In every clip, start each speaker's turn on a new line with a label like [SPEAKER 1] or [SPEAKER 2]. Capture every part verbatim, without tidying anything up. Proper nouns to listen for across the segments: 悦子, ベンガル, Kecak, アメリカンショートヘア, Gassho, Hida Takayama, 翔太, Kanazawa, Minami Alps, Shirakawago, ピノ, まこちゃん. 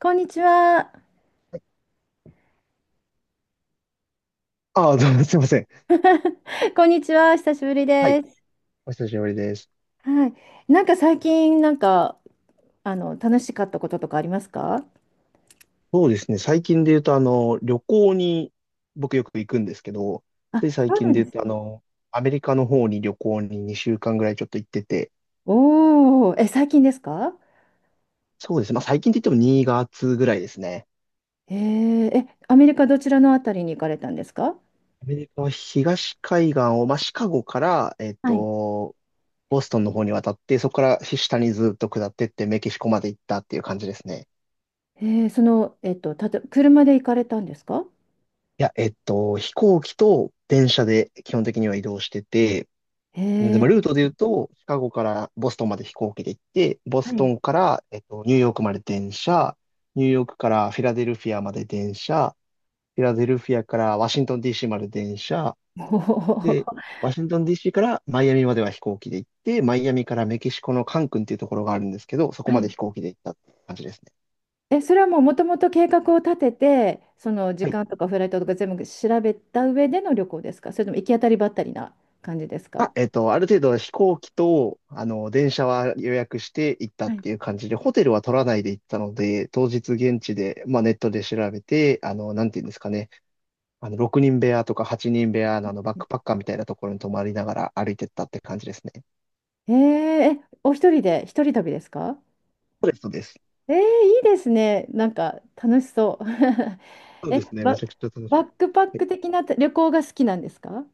[SPEAKER 1] こんにちは。
[SPEAKER 2] ああ、どうもすいません。
[SPEAKER 1] こんにちは。久しぶり
[SPEAKER 2] はい。
[SPEAKER 1] です。
[SPEAKER 2] お久しぶりです。
[SPEAKER 1] はい。なんか最近、なんか、あの、楽しかったこととかありますか？
[SPEAKER 2] そうですね。最近で言うと、あの、旅行に僕よく行くんですけど、
[SPEAKER 1] あ、
[SPEAKER 2] つい最
[SPEAKER 1] そうな
[SPEAKER 2] 近
[SPEAKER 1] ん
[SPEAKER 2] で
[SPEAKER 1] で
[SPEAKER 2] 言う
[SPEAKER 1] す
[SPEAKER 2] と、あ
[SPEAKER 1] ね。
[SPEAKER 2] の、アメリカの方に旅行ににしゅうかんぐらいちょっと行ってて、
[SPEAKER 1] おー、え、最近ですか？
[SPEAKER 2] そうですね。まあ最近で言ってもにがつぐらいですね。
[SPEAKER 1] えー、え、アメリカどちらのあたりに行かれたんですか？
[SPEAKER 2] アメリカは東海岸を、まあシカゴから、えっ
[SPEAKER 1] はい。
[SPEAKER 2] と、ボストンの方に渡って、そこから下にずっと下ってってメキシコまで行ったっていう感じですね。
[SPEAKER 1] えー、その、えっと、たと、車で行かれたんですか？
[SPEAKER 2] いや、えっと、飛行機と電車で基本的には移動してて、で
[SPEAKER 1] えー。
[SPEAKER 2] もルートで言うと、シカゴからボストンまで飛行機で行って、ボ
[SPEAKER 1] は
[SPEAKER 2] スト
[SPEAKER 1] い。
[SPEAKER 2] ンから、えっと、ニューヨークまで電車、ニューヨークからフィラデルフィアまで電車、フィラデルフィアからワシントン ディーシー まで電車、
[SPEAKER 1] お
[SPEAKER 2] で、
[SPEAKER 1] ー。
[SPEAKER 2] ワシントン ディーシー からマイアミまでは飛行機で行って、マイアミからメキシコのカンクンっていうところがあるんですけど、そこ
[SPEAKER 1] は
[SPEAKER 2] まで
[SPEAKER 1] い。
[SPEAKER 2] 飛行機で行ったって感じですね。
[SPEAKER 1] え、それはもうもともと計画を立てて、その時
[SPEAKER 2] はい。
[SPEAKER 1] 間とかフライトとか全部調べた上での旅行ですか？それとも行き当たりばったりな感じですか？
[SPEAKER 2] あ、えっと、ある程度飛行機と、あの、電車は予約して行った
[SPEAKER 1] は
[SPEAKER 2] っ
[SPEAKER 1] い。
[SPEAKER 2] ていう感じで、ホテルは取らないで行ったので、当日現地で、まあ、ネットで調べて、あの、なんていうんですかね、あの、ろくにん部屋とかはちにん部屋のあの、バッ
[SPEAKER 1] え
[SPEAKER 2] クパッカーみたいなところに泊まりながら歩いてったって感じですね。
[SPEAKER 1] ー、え、お一人で、一人旅ですか？
[SPEAKER 2] そうです、そうです。
[SPEAKER 1] えー、いいですね。なんか楽しそう。
[SPEAKER 2] そう
[SPEAKER 1] え、
[SPEAKER 2] ですね、
[SPEAKER 1] バ、
[SPEAKER 2] めちゃくちゃ楽し
[SPEAKER 1] バ
[SPEAKER 2] か
[SPEAKER 1] ッ
[SPEAKER 2] っ
[SPEAKER 1] クパッ
[SPEAKER 2] た。
[SPEAKER 1] ク的な旅行が好きなんですか？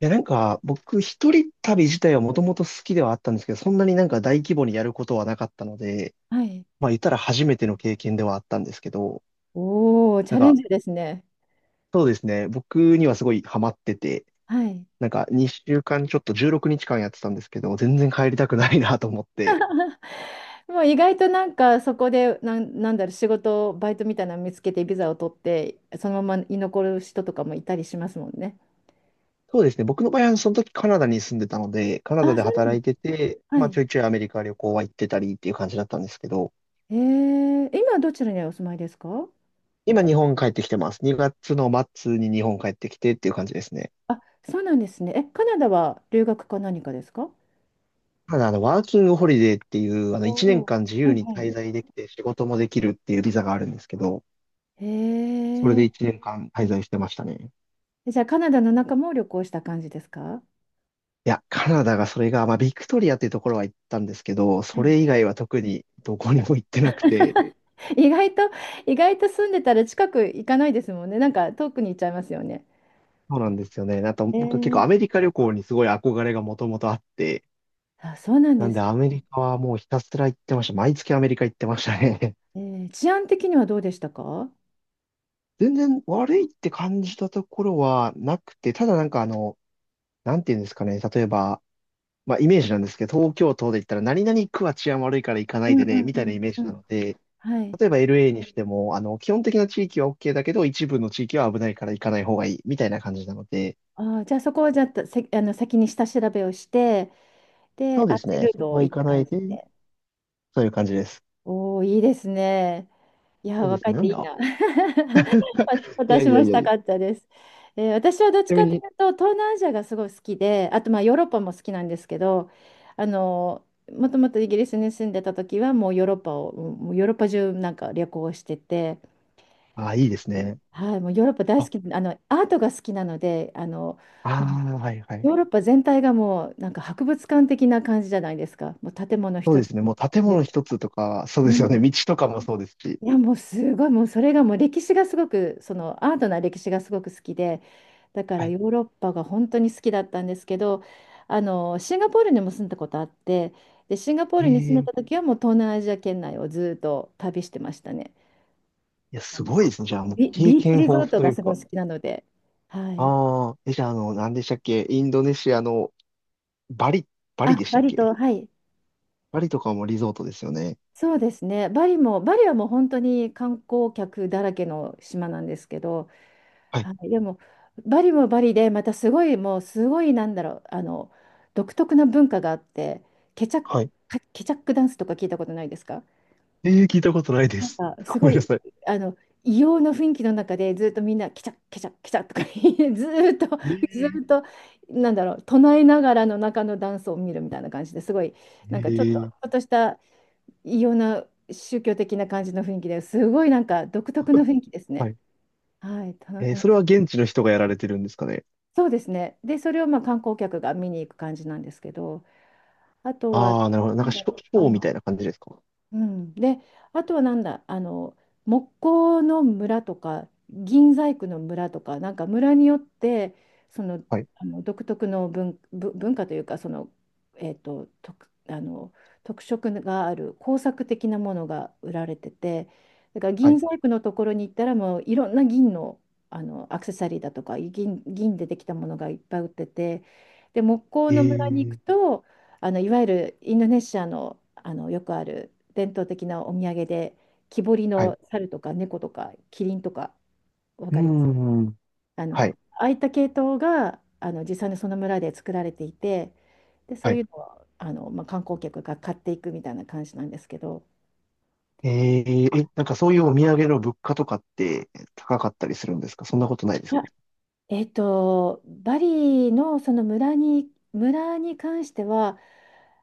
[SPEAKER 2] いや、なんか、僕、一人旅自体はもともと好きではあったんですけど、そんなになんか大規模にやることはなかったので、
[SPEAKER 1] はい。
[SPEAKER 2] まあ、言ったら初めての経験ではあったんですけど、
[SPEAKER 1] おー、チ
[SPEAKER 2] な
[SPEAKER 1] ャ
[SPEAKER 2] ん
[SPEAKER 1] レン
[SPEAKER 2] か、
[SPEAKER 1] ジですね。
[SPEAKER 2] そうですね。僕にはすごいハマってて、
[SPEAKER 1] はい。
[SPEAKER 2] なんかにしゅうかんちょっとじゅうろくにちかんやってたんですけど、全然帰りたくないなと思って。
[SPEAKER 1] もう意外となんかそこで、なん、なんだろう、仕事、バイトみたいなの見つけてビザを取って、そのまま居残る人とかもいたりしますもんね。
[SPEAKER 2] そうですね。僕の場合はその時カナダに住んでたので、カナ
[SPEAKER 1] あ、
[SPEAKER 2] ダで
[SPEAKER 1] そうなんで
[SPEAKER 2] 働
[SPEAKER 1] す。
[SPEAKER 2] いてて、
[SPEAKER 1] は
[SPEAKER 2] まあち
[SPEAKER 1] い。
[SPEAKER 2] ょいちょいアメリカ旅行は行ってたりっていう感じだったんですけど、
[SPEAKER 1] えー、今どちらにお住まいですか？
[SPEAKER 2] 今日本帰ってきてます。にがつの末に日本帰ってきてっていう感じですね。
[SPEAKER 1] あ、そうなんですね。え、カナダは留学か何かですか？
[SPEAKER 2] ただあの、ワーキングホリデーっていう、あの
[SPEAKER 1] お
[SPEAKER 2] 1年
[SPEAKER 1] お。
[SPEAKER 2] 間自
[SPEAKER 1] は
[SPEAKER 2] 由
[SPEAKER 1] い
[SPEAKER 2] に
[SPEAKER 1] はい。
[SPEAKER 2] 滞在できて仕事もできるっていうビザがあるんですけど、
[SPEAKER 1] へ
[SPEAKER 2] それ
[SPEAKER 1] え。
[SPEAKER 2] でいちねんかん滞在してましたね。
[SPEAKER 1] じゃあカナダの中も旅行した感じですか？
[SPEAKER 2] いや、カナダがそれが、まあ、ビクトリアっていうところは行ったんですけど、
[SPEAKER 1] は
[SPEAKER 2] そ
[SPEAKER 1] い。
[SPEAKER 2] れ以外は特にどこにも行ってなくて、
[SPEAKER 1] 意外と、意外と住んでたら近く行かないですもんね。なんか遠くに行っちゃいますよね。
[SPEAKER 2] そうなんですよね。あと、
[SPEAKER 1] え
[SPEAKER 2] 僕は結構ア
[SPEAKER 1] ー、
[SPEAKER 2] メリカ旅行にすごい憧れがもともとあって、
[SPEAKER 1] あ、そうなん
[SPEAKER 2] な
[SPEAKER 1] で
[SPEAKER 2] んで
[SPEAKER 1] す
[SPEAKER 2] アメリカはもうひたすら行ってました。毎月アメリカ行ってましたね。
[SPEAKER 1] ね。えー、治安的にはどうでしたか？
[SPEAKER 2] 全然悪いって感じたところはなくて、ただなんかあの、なんていうんですかね、例えば、まあイメージなんですけど、東京都で言ったら何々区は治安悪いから行かな
[SPEAKER 1] う
[SPEAKER 2] い
[SPEAKER 1] ん
[SPEAKER 2] で
[SPEAKER 1] う
[SPEAKER 2] ね、
[SPEAKER 1] ん
[SPEAKER 2] み
[SPEAKER 1] う
[SPEAKER 2] たいな
[SPEAKER 1] ん
[SPEAKER 2] イメー
[SPEAKER 1] う
[SPEAKER 2] ジな
[SPEAKER 1] ん。
[SPEAKER 2] ので、
[SPEAKER 1] はい。
[SPEAKER 2] 例えば エルエー にしても、あの、基本的な地域は オーケー だけど、一部の地域は危ないから行かない方がいい、みたいな感じなので、
[SPEAKER 1] あー、じゃあそこをじゃあ、せ、あの先に下調べをして、
[SPEAKER 2] そ
[SPEAKER 1] で、
[SPEAKER 2] う
[SPEAKER 1] ア
[SPEAKER 2] で
[SPEAKER 1] ン
[SPEAKER 2] す
[SPEAKER 1] ジェ
[SPEAKER 2] ね。
[SPEAKER 1] ルー
[SPEAKER 2] そ
[SPEAKER 1] ド
[SPEAKER 2] こ
[SPEAKER 1] を
[SPEAKER 2] は行
[SPEAKER 1] 行っ
[SPEAKER 2] か
[SPEAKER 1] た
[SPEAKER 2] な
[SPEAKER 1] 感
[SPEAKER 2] い
[SPEAKER 1] じ
[SPEAKER 2] で、
[SPEAKER 1] で。
[SPEAKER 2] そういう感じです。
[SPEAKER 1] おお、いいですね。いやー、
[SPEAKER 2] そうです
[SPEAKER 1] 若い
[SPEAKER 2] ね。
[SPEAKER 1] っ
[SPEAKER 2] な
[SPEAKER 1] て
[SPEAKER 2] ん
[SPEAKER 1] い
[SPEAKER 2] で、
[SPEAKER 1] い
[SPEAKER 2] あ、
[SPEAKER 1] な。わ
[SPEAKER 2] いや
[SPEAKER 1] 私
[SPEAKER 2] いや
[SPEAKER 1] も
[SPEAKER 2] い
[SPEAKER 1] し
[SPEAKER 2] や
[SPEAKER 1] た
[SPEAKER 2] いや。ち
[SPEAKER 1] かったです。えー私はどっち
[SPEAKER 2] なみ
[SPEAKER 1] かと
[SPEAKER 2] に、
[SPEAKER 1] いうと、東南アジアがすごい好きで、あとまあヨーロッパも好きなんですけど、あのもともとイギリスに住んでた時は、もうヨーロッパを、もうヨーロッパ中なんか旅行してて、
[SPEAKER 2] あ、いいですね。
[SPEAKER 1] はい、もうヨーロッパ大
[SPEAKER 2] あ、
[SPEAKER 1] 好き、あのアートが好きなので、あの
[SPEAKER 2] あ
[SPEAKER 1] もう
[SPEAKER 2] あ、はいはい。
[SPEAKER 1] ヨーロッパ全体がもうなんか博物館的な感じじゃないですか？もう建物
[SPEAKER 2] そう
[SPEAKER 1] 一
[SPEAKER 2] で
[SPEAKER 1] つ。
[SPEAKER 2] すね。もう建
[SPEAKER 1] ね。
[SPEAKER 2] 物一つとか、そうで
[SPEAKER 1] う
[SPEAKER 2] すよね。
[SPEAKER 1] ん。
[SPEAKER 2] 道とかもそうですし。
[SPEAKER 1] いや、もうすごい、もうそれがもう歴史がすごく、そのアートな歴史がすごく好きで、だか
[SPEAKER 2] は
[SPEAKER 1] ら
[SPEAKER 2] い。
[SPEAKER 1] ヨーロッパが本当に好きだったんですけど、あのシンガポールにも住んだことあって、でシンガポー
[SPEAKER 2] ええ、
[SPEAKER 1] ルに住んで
[SPEAKER 2] い
[SPEAKER 1] た時はもう東南アジア圏内をずっと旅してましたね。
[SPEAKER 2] や、
[SPEAKER 1] あ
[SPEAKER 2] す
[SPEAKER 1] の
[SPEAKER 2] ごいですね。じゃあ、もう
[SPEAKER 1] ビ、
[SPEAKER 2] 経
[SPEAKER 1] ビーチ
[SPEAKER 2] 験
[SPEAKER 1] リ
[SPEAKER 2] 豊
[SPEAKER 1] ゾ
[SPEAKER 2] 富
[SPEAKER 1] ート
[SPEAKER 2] とい
[SPEAKER 1] が
[SPEAKER 2] う
[SPEAKER 1] すごい
[SPEAKER 2] か。
[SPEAKER 1] 好きなので、はい、
[SPEAKER 2] ああ、え、じゃあ、あの、何でしたっけ、インドネシアのバリ、バリ
[SPEAKER 1] あ
[SPEAKER 2] でした
[SPEAKER 1] バ
[SPEAKER 2] っ
[SPEAKER 1] リ
[SPEAKER 2] け？
[SPEAKER 1] とはい、
[SPEAKER 2] バリとかもリゾートですよね。
[SPEAKER 1] そうですね。バリもバリはもう本当に観光客だらけの島なんですけど、
[SPEAKER 2] はい。
[SPEAKER 1] はい。でもバリもバリでまたすごい、もうすごい、なんだろう、あの独特な文化があって、ケチャック
[SPEAKER 2] はい。
[SPEAKER 1] ケチャックダンスとか聞いたことないですか？
[SPEAKER 2] ええ、聞いたことないで
[SPEAKER 1] なん
[SPEAKER 2] す。
[SPEAKER 1] かす
[SPEAKER 2] ご
[SPEAKER 1] ご
[SPEAKER 2] めんな
[SPEAKER 1] い、
[SPEAKER 2] さい。
[SPEAKER 1] あの異様な雰囲気の中でずっとみんなケチャッケチャッケチャッとか言い、 ずーっと
[SPEAKER 2] え
[SPEAKER 1] ず
[SPEAKER 2] え、
[SPEAKER 1] ーっと、なんだろう、唱えながらの中のダンスを見るみたいな感じですごい、なん
[SPEAKER 2] え
[SPEAKER 1] かちょっとち
[SPEAKER 2] え、
[SPEAKER 1] ょっとした異様な宗教的な感じの雰囲気ですごい、なんか独特の雰囲気です
[SPEAKER 2] は
[SPEAKER 1] ね。
[SPEAKER 2] い。
[SPEAKER 1] はい、たの
[SPEAKER 2] えー、
[SPEAKER 1] 面
[SPEAKER 2] それ
[SPEAKER 1] 白
[SPEAKER 2] は
[SPEAKER 1] い。
[SPEAKER 2] 現地の人がやられてるんですかね。
[SPEAKER 1] そうですね。で、それをまあ観光客が見に行く感じなんですけど、あとは、
[SPEAKER 2] ああ、なるほど。なん
[SPEAKER 1] な
[SPEAKER 2] か
[SPEAKER 1] んだ
[SPEAKER 2] シ
[SPEAKER 1] ろう、
[SPEAKER 2] ョ、ショ
[SPEAKER 1] あ
[SPEAKER 2] ーみ
[SPEAKER 1] の、
[SPEAKER 2] たいな感じですか。
[SPEAKER 1] うん、で、あとはなんだ、あの、木工の村とか、銀細工の村とか、なんか村によって、その、
[SPEAKER 2] はい、
[SPEAKER 1] あの独特の文、ぶ文化というか、その、えっと、特、あの、特色がある工作的なものが売られてて、だから
[SPEAKER 2] は
[SPEAKER 1] 銀
[SPEAKER 2] い。
[SPEAKER 1] 細工のところに行ったら、もういろんな銀の、あの、アクセサリーだとか、銀、銀でできたものがいっぱい売ってて、で、木工
[SPEAKER 2] え
[SPEAKER 1] の村に行く
[SPEAKER 2] え、
[SPEAKER 1] と、あのいわゆるインドネシアの、あのよくある伝統的なお土産で、木彫り
[SPEAKER 2] はい。う
[SPEAKER 1] の猿とか猫とかキリンとか、わ
[SPEAKER 2] ー
[SPEAKER 1] かります？
[SPEAKER 2] ん、
[SPEAKER 1] あ
[SPEAKER 2] は
[SPEAKER 1] の
[SPEAKER 2] い、
[SPEAKER 1] ああいった系統があの実際にその村で作られていて、でそ
[SPEAKER 2] は
[SPEAKER 1] う
[SPEAKER 2] い。
[SPEAKER 1] いうのをあの、まあ、観光客が買っていくみたいな感じなんですけど。
[SPEAKER 2] ええ、え、なんかそういうお土産の物価とかって高かったりするんですか？そんなことないで
[SPEAKER 1] い
[SPEAKER 2] す
[SPEAKER 1] や、
[SPEAKER 2] か？
[SPEAKER 1] えっとバリのその村に村に関しては、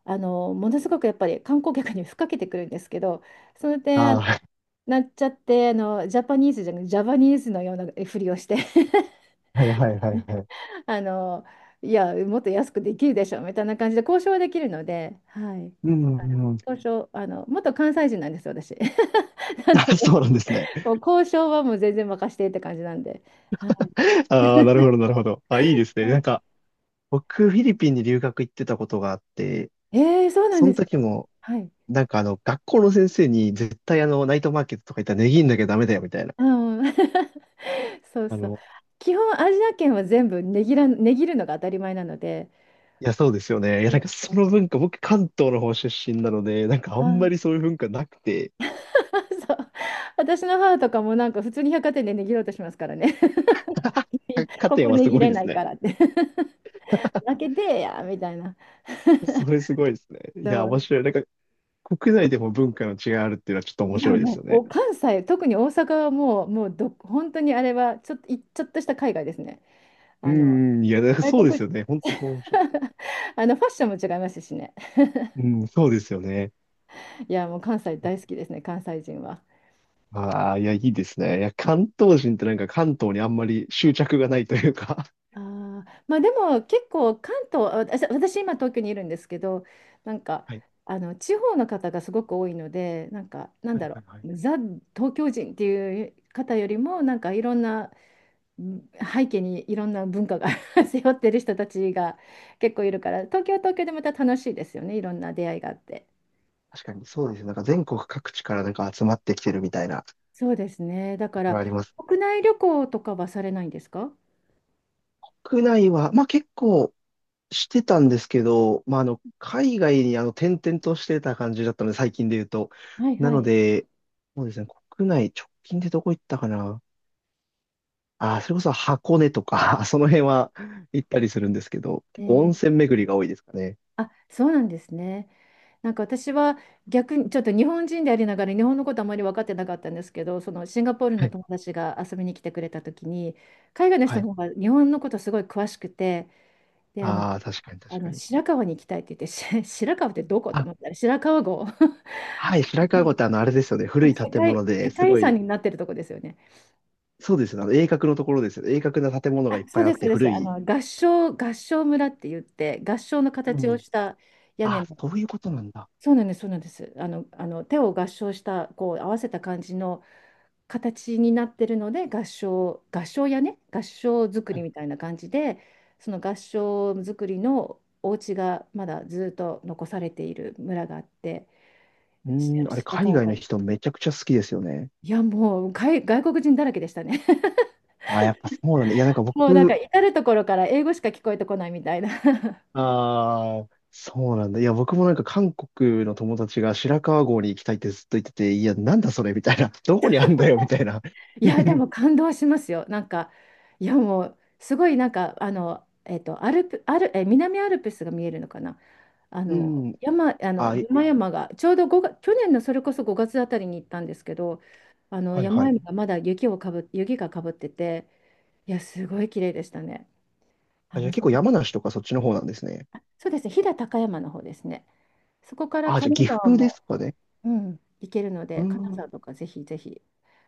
[SPEAKER 1] あのものすごくやっぱり観光客に吹っかけてくるんですけど、その点あ
[SPEAKER 2] あ
[SPEAKER 1] の
[SPEAKER 2] あー、
[SPEAKER 1] なっちゃって、あのジャパニーズじゃなくてジャパニーズのようなふりをして、
[SPEAKER 2] はい、はい、はい、はい。はい。
[SPEAKER 1] あの、いや、もっと安くできるでしょみたいな感じで交渉はできるので、はい。
[SPEAKER 2] うんうん。
[SPEAKER 1] 交渉、あの、元関西人なんですよ、私。なので、
[SPEAKER 2] あ、そうなんですね。
[SPEAKER 1] もう交渉はもう全然任せてって感じなんで。は
[SPEAKER 2] ああ、なるほど、なるほど。あ、いいですね。なんか、僕、フィリピンに留学行ってたことがあって、
[SPEAKER 1] い、えー、そうなん
[SPEAKER 2] そ
[SPEAKER 1] で
[SPEAKER 2] の
[SPEAKER 1] す
[SPEAKER 2] 時
[SPEAKER 1] ね。
[SPEAKER 2] も、
[SPEAKER 1] はい。
[SPEAKER 2] なんかあの、学校の先生に絶対あの、ナイトマーケットとか行ったら値切んなきゃダメだよみたいな。
[SPEAKER 1] うん。そう
[SPEAKER 2] あ
[SPEAKER 1] そう。
[SPEAKER 2] の、
[SPEAKER 1] 基本、アジア圏は全部値切ら、値切るのが当たり前なので、
[SPEAKER 2] いや、そうですよね。いや、
[SPEAKER 1] う
[SPEAKER 2] な
[SPEAKER 1] ん。
[SPEAKER 2] んか その文化、僕関東の方出身なので、なんかあ
[SPEAKER 1] あ
[SPEAKER 2] んま
[SPEAKER 1] ー。
[SPEAKER 2] りそういう文化なくて、
[SPEAKER 1] そう。私の母とかもなんか普通に百貨店で値切ろうとしますからね。いや、
[SPEAKER 2] 百貨
[SPEAKER 1] こ
[SPEAKER 2] 店
[SPEAKER 1] こ
[SPEAKER 2] は
[SPEAKER 1] 値
[SPEAKER 2] す
[SPEAKER 1] 切
[SPEAKER 2] ごい
[SPEAKER 1] れ
[SPEAKER 2] で
[SPEAKER 1] な
[SPEAKER 2] す
[SPEAKER 1] い
[SPEAKER 2] ね。
[SPEAKER 1] からって。負けてえやみたいな。
[SPEAKER 2] それすごいですね。い
[SPEAKER 1] そ
[SPEAKER 2] や、面
[SPEAKER 1] う。
[SPEAKER 2] 白い。なんか国内でも文化の違いあるっていうのはちょっと面
[SPEAKER 1] いや、
[SPEAKER 2] 白いで
[SPEAKER 1] も
[SPEAKER 2] すよ
[SPEAKER 1] うお
[SPEAKER 2] ね。
[SPEAKER 1] 関西、特に大阪はもう、もうど本当にあれはちょっと、いちょっとした海外ですね。
[SPEAKER 2] う
[SPEAKER 1] あの
[SPEAKER 2] んうん、いや、なんか
[SPEAKER 1] 外
[SPEAKER 2] そうです
[SPEAKER 1] 国
[SPEAKER 2] よね。
[SPEAKER 1] 人。
[SPEAKER 2] 本当そう面白
[SPEAKER 1] あのファッションも違いますしね。
[SPEAKER 2] い。うん、そうですよね。
[SPEAKER 1] いや、もう関西大好きですね、関西人は。
[SPEAKER 2] ああ、いや、いいですね。いや、関東人ってなんか関東にあんまり執着がないというか。
[SPEAKER 1] あー、まあ、でも結構関東あ私私今東京にいるんですけど、なんか
[SPEAKER 2] はい
[SPEAKER 1] あの地方の方がすごく多いので、なんか、なん
[SPEAKER 2] はい
[SPEAKER 1] だろ
[SPEAKER 2] はいは
[SPEAKER 1] う、
[SPEAKER 2] い、
[SPEAKER 1] ザ・東京人っていう方よりも、なんか、いろんなん背景にいろんな文化が 背負ってる人たちが 結構いるから、東京は東京でまた楽しいですよね、いろんな出会いがあって。
[SPEAKER 2] 確かにそうですね。なんか全国各地からなんか集まってきてるみたいなと
[SPEAKER 1] そうですね、だか
[SPEAKER 2] こ
[SPEAKER 1] ら
[SPEAKER 2] ろあります。
[SPEAKER 1] 国内旅行とかはされないんですか？
[SPEAKER 2] 国内は、まあ結構してたんですけど、まああの、海外にあの転々としてた感じだったので、最近で言うと。
[SPEAKER 1] はい
[SPEAKER 2] な
[SPEAKER 1] は
[SPEAKER 2] の
[SPEAKER 1] い。
[SPEAKER 2] で、そうですね、国内直近でどこ行ったかな。ああ、それこそ箱根とか、その辺は行ったりするんですけど、
[SPEAKER 1] え
[SPEAKER 2] 結構温
[SPEAKER 1] ー
[SPEAKER 2] 泉巡りが多いですかね。
[SPEAKER 1] あ、そうなんですね。なんか私は逆にちょっと日本人でありながら日本のことあまり分かってなかったんですけど、そのシンガポール
[SPEAKER 2] は
[SPEAKER 1] の
[SPEAKER 2] い。
[SPEAKER 1] 友達が遊びに来てくれた時に、海外の
[SPEAKER 2] は
[SPEAKER 1] 人
[SPEAKER 2] い。
[SPEAKER 1] の方が日本のことすごい詳しくて、で、あの、
[SPEAKER 2] ああ、確かに
[SPEAKER 1] あ
[SPEAKER 2] 確か
[SPEAKER 1] の
[SPEAKER 2] に。
[SPEAKER 1] 白川に行きたいって言って、し白川ってどこと
[SPEAKER 2] あ、
[SPEAKER 1] 思ったら、白川郷。
[SPEAKER 2] はい、白川郷ってあの、あれですよね。古い
[SPEAKER 1] 世
[SPEAKER 2] 建
[SPEAKER 1] 界、
[SPEAKER 2] 物で
[SPEAKER 1] 世
[SPEAKER 2] す
[SPEAKER 1] 界遺
[SPEAKER 2] ご
[SPEAKER 1] 産
[SPEAKER 2] い、
[SPEAKER 1] になってるとこですよね。
[SPEAKER 2] そうですね。あの、鋭角のところですよ。鋭角な建物がい
[SPEAKER 1] あ、
[SPEAKER 2] っ
[SPEAKER 1] そ
[SPEAKER 2] ぱ
[SPEAKER 1] う
[SPEAKER 2] いあ
[SPEAKER 1] で
[SPEAKER 2] っ
[SPEAKER 1] す、そ
[SPEAKER 2] て
[SPEAKER 1] うです。
[SPEAKER 2] 古
[SPEAKER 1] あ
[SPEAKER 2] い。
[SPEAKER 1] の、合掌、合掌村って言って、合掌の
[SPEAKER 2] う
[SPEAKER 1] 形を
[SPEAKER 2] ん。
[SPEAKER 1] した屋根
[SPEAKER 2] あ、
[SPEAKER 1] の。
[SPEAKER 2] そういうことなんだ。
[SPEAKER 1] そうなんです、そうなんです。あの、あの手を合掌した、こう合わせた感じの形になってるので、合掌、合掌屋根、合掌造
[SPEAKER 2] は
[SPEAKER 1] り
[SPEAKER 2] い。
[SPEAKER 1] みたいな感じで、その合掌造りのお家がまだずっと残されている村があって、
[SPEAKER 2] う
[SPEAKER 1] し
[SPEAKER 2] ーん、あれ、
[SPEAKER 1] しなか
[SPEAKER 2] 海
[SPEAKER 1] な
[SPEAKER 2] 外の
[SPEAKER 1] か。
[SPEAKER 2] 人めちゃくちゃ好きですよね。
[SPEAKER 1] いや、もう外、外国人だらけでしたね。
[SPEAKER 2] あ、やっぱそうなんだ。いや、なんか
[SPEAKER 1] もうなんか
[SPEAKER 2] 僕、
[SPEAKER 1] 至る所から英語しか聞こえてこないみたいな。
[SPEAKER 2] ああ、そうなんだ。いや、僕もなんか韓国の友達が白川郷に行きたいってずっと言ってて、いや、なんだそれみたいな。どこにあんだよみたいな。
[SPEAKER 1] いや、で も感動しますよ。なんか、いや、もうすごいなんか、あの、えっと、アルプ、アル、え、南アルプスが見えるのかな。あ
[SPEAKER 2] う
[SPEAKER 1] の、
[SPEAKER 2] ん。
[SPEAKER 1] 山、あの、
[SPEAKER 2] あ、い
[SPEAKER 1] 山々が、ちょうどごが去年のそれこそごがつあたりに行ったんですけど、あの、
[SPEAKER 2] はいは
[SPEAKER 1] 山々
[SPEAKER 2] い。
[SPEAKER 1] がまだ雪をかぶ、雪がかぶってて、いや、すごい綺麗でしたね。
[SPEAKER 2] あ、
[SPEAKER 1] あ、
[SPEAKER 2] じゃあ
[SPEAKER 1] 武
[SPEAKER 2] 結構
[SPEAKER 1] 蔵
[SPEAKER 2] 山梨とかそっちの方なんですね。
[SPEAKER 1] そうですね、飛騨高山の方ですね。そこから
[SPEAKER 2] あ、じゃあ
[SPEAKER 1] 金
[SPEAKER 2] 岐
[SPEAKER 1] 沢
[SPEAKER 2] 阜で
[SPEAKER 1] も、
[SPEAKER 2] すかね。
[SPEAKER 1] うん、行けるの
[SPEAKER 2] う
[SPEAKER 1] で、金沢
[SPEAKER 2] ん。
[SPEAKER 1] とかぜひぜひ、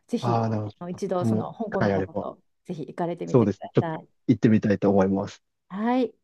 [SPEAKER 1] ぜ
[SPEAKER 2] あ
[SPEAKER 1] ひ、
[SPEAKER 2] あ、なるほど。ち
[SPEAKER 1] あの
[SPEAKER 2] ょっと
[SPEAKER 1] 一度、
[SPEAKER 2] 僕
[SPEAKER 1] そ
[SPEAKER 2] も、
[SPEAKER 1] の香
[SPEAKER 2] 機
[SPEAKER 1] 港の
[SPEAKER 2] 会あ
[SPEAKER 1] 方
[SPEAKER 2] れば。
[SPEAKER 1] とぜひ行かれてみ
[SPEAKER 2] そう
[SPEAKER 1] て
[SPEAKER 2] で
[SPEAKER 1] く
[SPEAKER 2] すね。
[SPEAKER 1] だ
[SPEAKER 2] ちょっ
[SPEAKER 1] さ
[SPEAKER 2] と
[SPEAKER 1] い。
[SPEAKER 2] 行ってみたいと思います。
[SPEAKER 1] はい。